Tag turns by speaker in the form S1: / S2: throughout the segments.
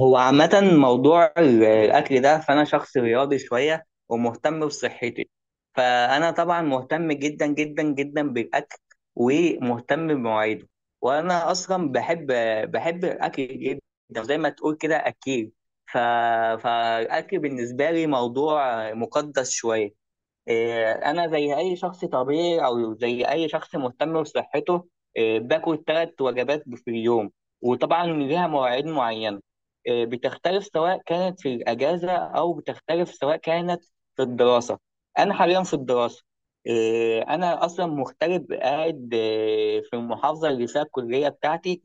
S1: هو عامة موضوع الأكل ده، فأنا شخص رياضي شوية ومهتم بصحتي. فأنا طبعا مهتم جدا جدا جدا بالأكل ومهتم بمواعيده. وأنا أصلا بحب الأكل جدا، زي ما تقول كده أكيل. ف... فالأكل بالنسبة لي موضوع مقدس شوية. إيه، انا زي اي شخص طبيعي او زي اي شخص مهتم بصحته. إيه، باكل ثلاث وجبات في اليوم، وطبعا ليها مواعيد معينه. إيه، بتختلف سواء كانت في الاجازه او بتختلف سواء كانت في الدراسه. انا حاليا في الدراسه. إيه، انا اصلا مغترب قاعد، إيه، في المحافظه اللي فيها الكليه بتاعتي،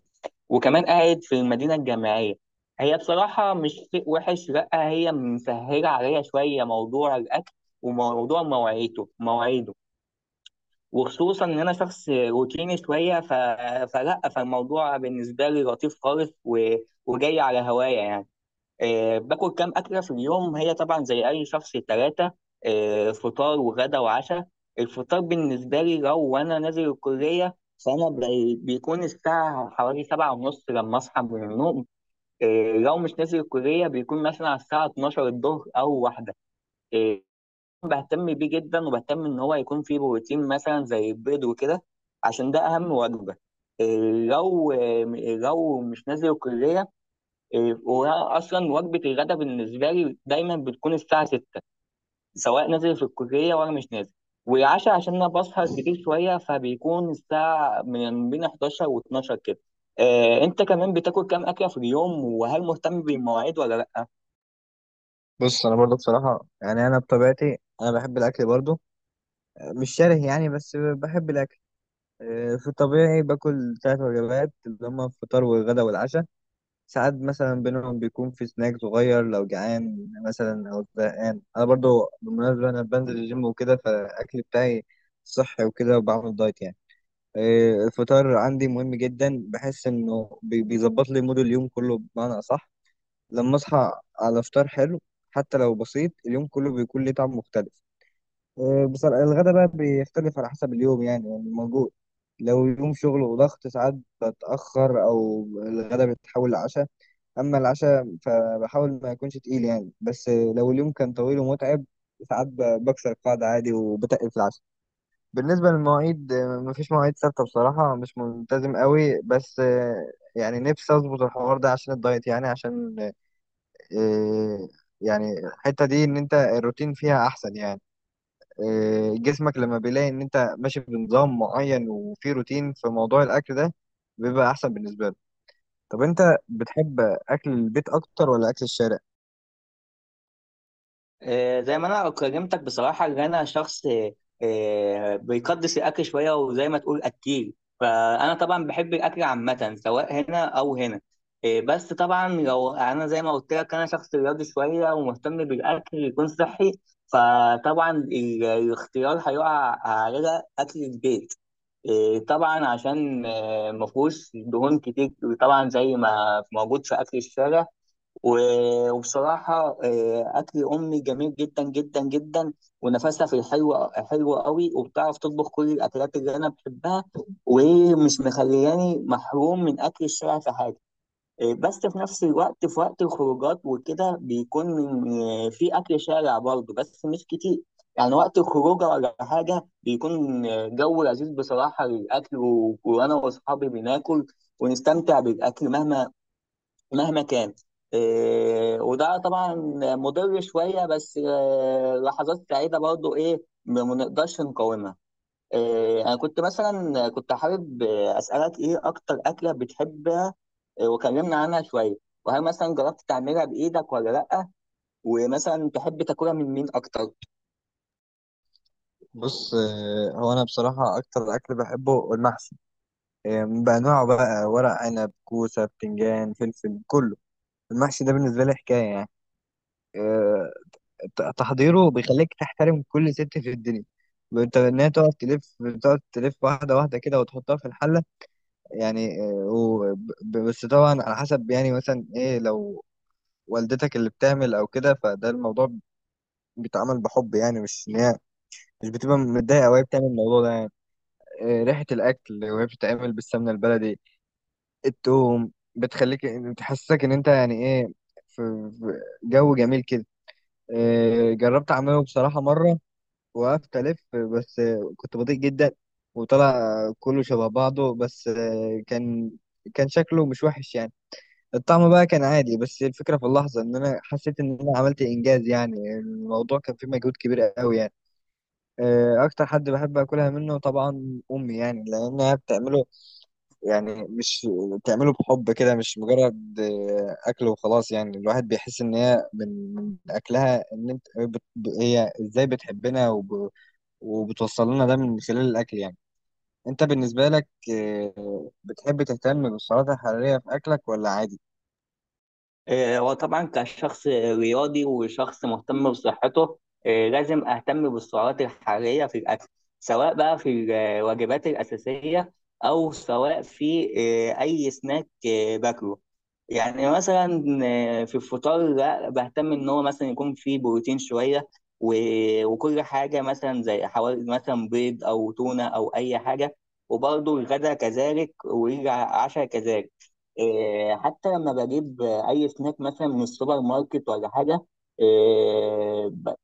S1: وكمان قاعد في المدينة الجامعية. هي بصراحة مش شيء وحش، لأ، هي مسهلة عليا شوية موضوع الأكل وموضوع مواعيده، وخصوصا إن أنا شخص روتيني شوية. ف... فلأ فالموضوع بالنسبة لي لطيف خالص، وجاي على هوايا يعني. آه، باكل كام أكلة في اليوم؟ هي طبعا زي أي شخص ثلاثة. آه، فطار وغدا وعشاء. الفطار بالنسبة لي لو وأنا نازل الكلية، فأنا بيكون الساعة حوالي سبعة ونص لما أصحى من النوم. آه، لو مش نازل الكلية، بيكون مثلا على الساعة 12 الظهر أو واحدة. آه، بهتم بيه جدا، وبهتم إن هو يكون فيه بروتين مثلا زي البيض وكده، عشان ده أهم وجبة. آه، لو آه، لو مش نازل الكلية. إيه، وانا اصلا وجبه الغداء بالنسبه لي دايما بتكون الساعه 6، سواء نازل في الكليه ولا مش نازل. والعشاء عشان انا بسهر كتير شويه، فبيكون الساعه من بين 11 و12 كده. آه، انت كمان بتاكل كام اكله في اليوم، وهل مهتم بالمواعيد ولا لا؟
S2: بص، انا برضو بصراحه يعني انا بطبيعتي انا بحب الاكل برضو، مش شره يعني بس بحب الاكل. في الطبيعي باكل 3 وجبات اللي هما الفطار والغدا والعشاء. ساعات مثلا بينهم بيكون في سناك صغير لو جعان مثلا او زهقان. انا برضو بالمناسبه انا بنزل الجيم وكده، فالاكل بتاعي صحي وكده وبعمل دايت يعني. الفطار عندي مهم جدا، بحس انه بيظبط لي مود اليوم كله، بمعنى اصح لما اصحى على فطار حلو، حتى لو بسيط، اليوم كله بيكون ليه طعم مختلف. بصراحة الغدا بقى بيختلف على حسب اليوم، يعني موجود لو يوم شغل وضغط، ساعات بتأخر أو الغدا بيتحول لعشاء. أما العشاء فبحاول ما يكونش تقيل يعني، بس لو اليوم كان طويل ومتعب، ساعات بكسر القاعدة عادي وبتقل في العشاء. بالنسبة للمواعيد مفيش مواعيد ثابتة بصراحة، مش ملتزم قوي، بس يعني نفسي أظبط الحوار ده عشان الدايت يعني، عشان إيه، يعني الحتة دي ان انت الروتين فيها احسن يعني، إيه جسمك لما بيلاقي ان انت ماشي بنظام معين وفي روتين في موضوع الاكل ده، بيبقى احسن بالنسبة له. طب انت بتحب اكل البيت اكتر ولا اكل الشارع؟
S1: آه، زي ما انا كلمتك بصراحه، ان انا شخص، آه، بيقدس الاكل شويه، وزي ما تقول اكيل. فانا طبعا بحب الاكل عامه سواء هنا او هنا. آه، بس طبعا لو انا زي ما قلت لك، انا شخص رياضي شويه ومهتم بالاكل يكون صحي، فطبعا الاختيار هيقع على اكل البيت. آه، طبعا عشان، آه، مفهوش دهون كتير طبعا زي ما موجود في اكل الشارع. وبصراحة، آه، أكل أمي جميل جدا جدا جدا، ونفسها في الحلو حلو قوي، وبتعرف تطبخ كل الأكلات اللي أنا بحبها، ومش مخلياني محروم من أكل الشارع في حاجة. آه، بس في نفس الوقت، في وقت الخروجات وكده، بيكون، آه، في أكل شارع برضه بس مش كتير. يعني وقت الخروجة ولا حاجة، بيكون، آه، جو لذيذ بصراحة للأكل، وأنا وأصحابي بناكل ونستمتع بالأكل مهما كان. إيه، وده طبعا مضر شويه، بس إيه، لحظات سعيده برضو، ايه، ما نقدرش نقاومها. إيه، انا كنت مثلا كنت حابب، آه، اسالك ايه اكتر اكله بتحبها؟ آه، وكلمنا عنها شويه. وهل مثلا جربت تعملها بايدك ولا لا؟ ومثلا تحب تاكلها من مين اكتر؟
S2: بص، إيه هو، انا بصراحة اكتر اكل بحبه المحشي، إيه، بانواعه بقى، ورق عنب، كوسة، بتنجان، فلفل، كله. المحشي ده بالنسبة لي حكاية يعني، تحضيره بيخليك تحترم كل ست في الدنيا، انت انها تقعد تلف، بتقعد تلف واحده واحده كده وتحطها في الحله يعني. بس طبعا على حسب يعني، مثلا ايه لو والدتك اللي بتعمل او كده، فده الموضوع بيتعمل بحب يعني، مش ان هي مش بتبقى متضايقه وهي بتعمل الموضوع ده يعني. ريحه الاكل وهي بتتعمل بالسمنه البلدي، التوم، بتخليك بتحسسك ان انت يعني ايه، في جو جميل كده. جربت اعمله بصراحه مره، وقفت ألف، بس كنت بطيء جدا، وطلع كله شبه بعضه، بس كان، كان شكله مش وحش يعني. الطعم بقى كان عادي، بس الفكرة في اللحظة إن أنا حسيت إن أنا عملت إنجاز يعني، الموضوع كان فيه مجهود كبير قوي يعني. أكتر حد بحب أكلها منه طبعا أمي، يعني لأنها بتعمله، يعني مش بتعمله بحب كده، مش مجرد أكل وخلاص يعني. الواحد بيحس إن هي من أكلها إن أنت بت- هي إزاي بتحبنا وبتوصل لنا ده من خلال الأكل يعني. أنت بالنسبة لك بتحب تهتم بالسعرات الحرارية في أكلك ولا عادي؟
S1: آه، وطبعا كشخص رياضي وشخص مهتم بصحته، آه، لازم اهتم بالسعرات الحراريه في الاكل، سواء بقى في الوجبات الاساسيه او سواء في، آه، اي سناك، آه، باكله. يعني مثلا، آه، في الفطار، لا، بهتم ان هو مثلا يكون فيه بروتين شويه، وكل حاجه مثلا زي حوالي مثلا بيض او تونه او اي حاجه. وبرضه الغداء كذلك والعشاء كذلك. إيه، حتى لما بجيب اي سناك مثلا من السوبر ماركت ولا حاجه، إيه،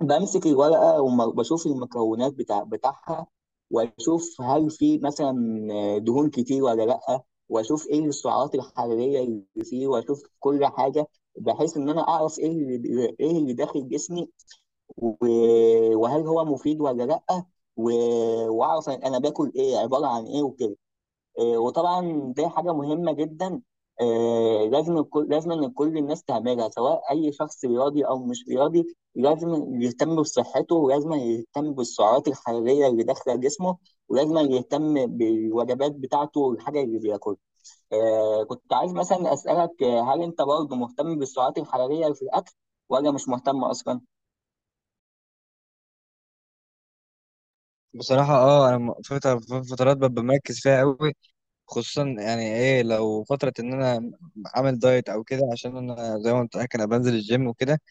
S1: بمسك الورقه وبشوف المكونات بتاعها، واشوف هل في مثلا، آه، دهون كتير ولا لا، واشوف ايه السعرات الحراريه اللي فيه، واشوف كل حاجه، بحيث ان انا اعرف ايه اللي داخل جسمي، وهل هو مفيد ولا لا، واعرف انا باكل ايه، عباره عن ايه وكده. آه، وطبعا دي حاجه مهمه جدا. آه، لازم ان كل الناس تعملها، سواء اي شخص رياضي او مش رياضي لازم يهتم بصحته، ولازم يهتم بالسعرات الحراريه اللي داخله جسمه، ولازم يهتم بالوجبات بتاعته والحاجه اللي بياكلها. آه، كنت عايز مثلا اسالك، آه، هل انت برضه مهتم بالسعرات الحراريه في الاكل ولا مش مهتم اصلا؟
S2: بصراحة اه، انا في فترات ببقى مركز فيها قوي، خصوصا يعني ايه لو فترة ان انا عامل دايت او كده، عشان انا زي ما قلت لك انا بنزل الجيم وكده،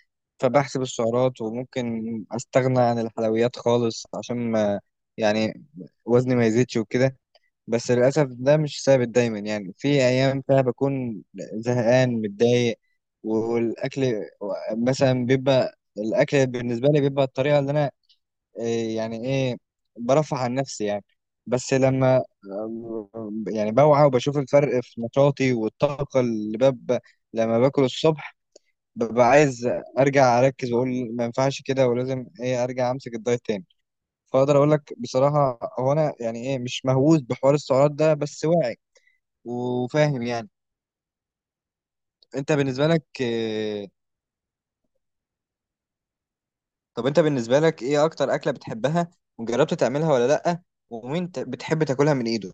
S2: فبحسب السعرات، وممكن استغنى عن الحلويات خالص عشان ما، يعني وزني ما يزيدش وكده. بس للأسف ده مش ثابت دايما، يعني في أيام فيها بكون زهقان متضايق والأكل مثلا بيبقى، الأكل بالنسبة لي بيبقى الطريقة اللي أنا، إيه، يعني إيه، برفع عن نفسي يعني. بس لما يعني بوعى وبشوف الفرق في نشاطي والطاقة اللي ببقى لما باكل الصبح، ببقى عايز أرجع أركز وأقول ما ينفعش كده، ولازم إيه أرجع أمسك الدايت تاني. فأقدر أقول لك بصراحة هو أنا يعني إيه مش مهووس بحوار السعرات ده، بس واعي وفاهم يعني. انت بالنسبه لك آه، طب انت بالنسبه لك ايه اكتر اكله بتحبها؟ وجربت تعملها ولا لا؟ ومين بتحب تاكلها من ايده؟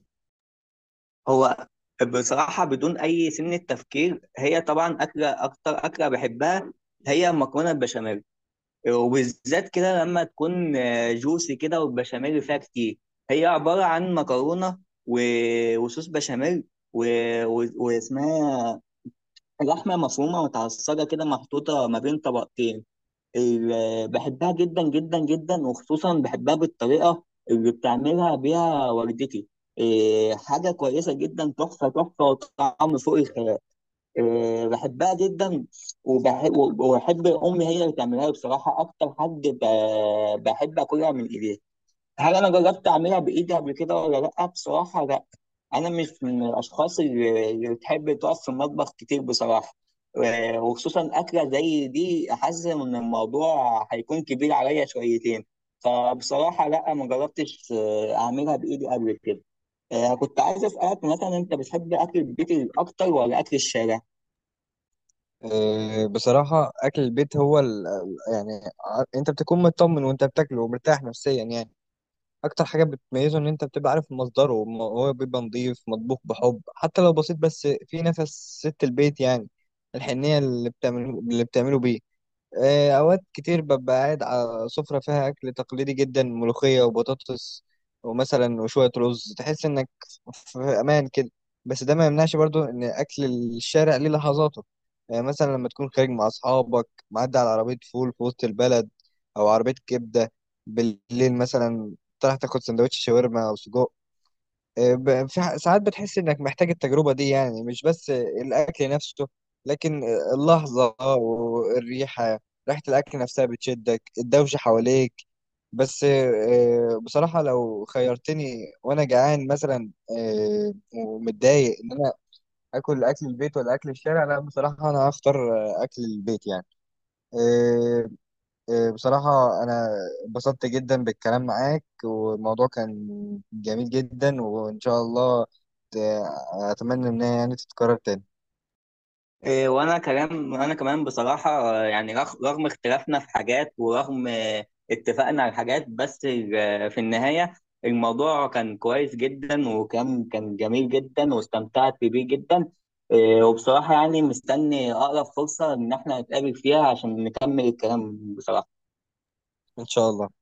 S1: هو بصراحة بدون أي سن تفكير، هي طبعا أكلة، أكتر أكلة بحبها هي المكرونة البشاميل، وبالذات كده لما تكون، آه، جوسي كده، والبشاميل فيها كتير. هي عبارة عن مكرونة وصوص بشاميل و... واسمها لحمة مفرومة متعصجة كده، محطوطة ما بين طبقتين. بحبها جدا جدا جدا، وخصوصا بحبها بالطريقة اللي بتعملها بيها والدتي. إيه، حاجة كويسة جدا، تحفة تحفة، وطعم فوق الخيال. آه، بحبها جدا. وبحب امي هي اللي تعملها لي، بصراحه اكتر حد بحب اكلها من ايديها. هل انا جربت اعملها بايدي قبل كده ولا لا؟ بصراحه لا، انا مش من الاشخاص اللي بتحب تقف في المطبخ كتير بصراحه. آه، وخصوصا اكله زي دي، حاسس ان الموضوع هيكون كبير عليا شويتين. فبصراحه لا، ما جربتش، آه، اعملها بايدي قبل كده. آه، كنت عايز اسالك مثلا، انت بتحب اكل البيت اكتر ولا اكل الشارع؟
S2: بصراحه اكل البيت هو ال... يعني انت بتكون مطمن وانت بتاكله، ومرتاح نفسيا يعني. اكتر حاجه بتميزه ان انت بتبقى عارف مصدره، وم- هو بيبقى نظيف، مطبوخ بحب حتى لو بسيط، بس في نفس ست البيت يعني، الحنيه اللي اللي بتعمله بيه. أوقات كتير ببقى قاعد على سفرة فيها أكل تقليدي جدا، ملوخية وبطاطس ومثلا وشوية رز، تحس إنك في أمان كده. بس ده ما يمنعش برضو إن أكل الشارع ليه لحظاته، يعني مثلا لما تكون خارج مع أصحابك، معدي على عربية فول في وسط البلد، أو عربية كبدة بالليل مثلا، تروح تاخد سندوتش شاورما أو سجق. ساعات بتحس انك محتاج التجربة دي يعني، مش بس الاكل نفسه، لكن اللحظة والريحة، ريحة الاكل نفسها بتشدك، الدوشة حواليك. بس بصراحة لو خيرتني وانا جعان مثلا، ومتضايق، ان انا اكل اكل البيت ولا اكل الشارع، لا بصراحة انا هختار اكل البيت يعني. بصراحة أنا انبسطت جدا بالكلام معاك، والموضوع كان جميل جدا، وإن شاء الله، ت- أتمنى إن هي يعني تتكرر تاني.
S1: إيه، وانا كلام، وانا كمان بصراحه، آه، يعني رغم اختلافنا في حاجات، ورغم، آه، اتفقنا على حاجات، بس، آه، في النهايه الموضوع كان كويس جدا، وكان كان جميل جدا، واستمتعت بيه جدا. إيه، وبصراحه يعني مستني اقرب فرصه ان احنا نتقابل فيها عشان نكمل الكلام بصراحه.
S2: إن شاء الله.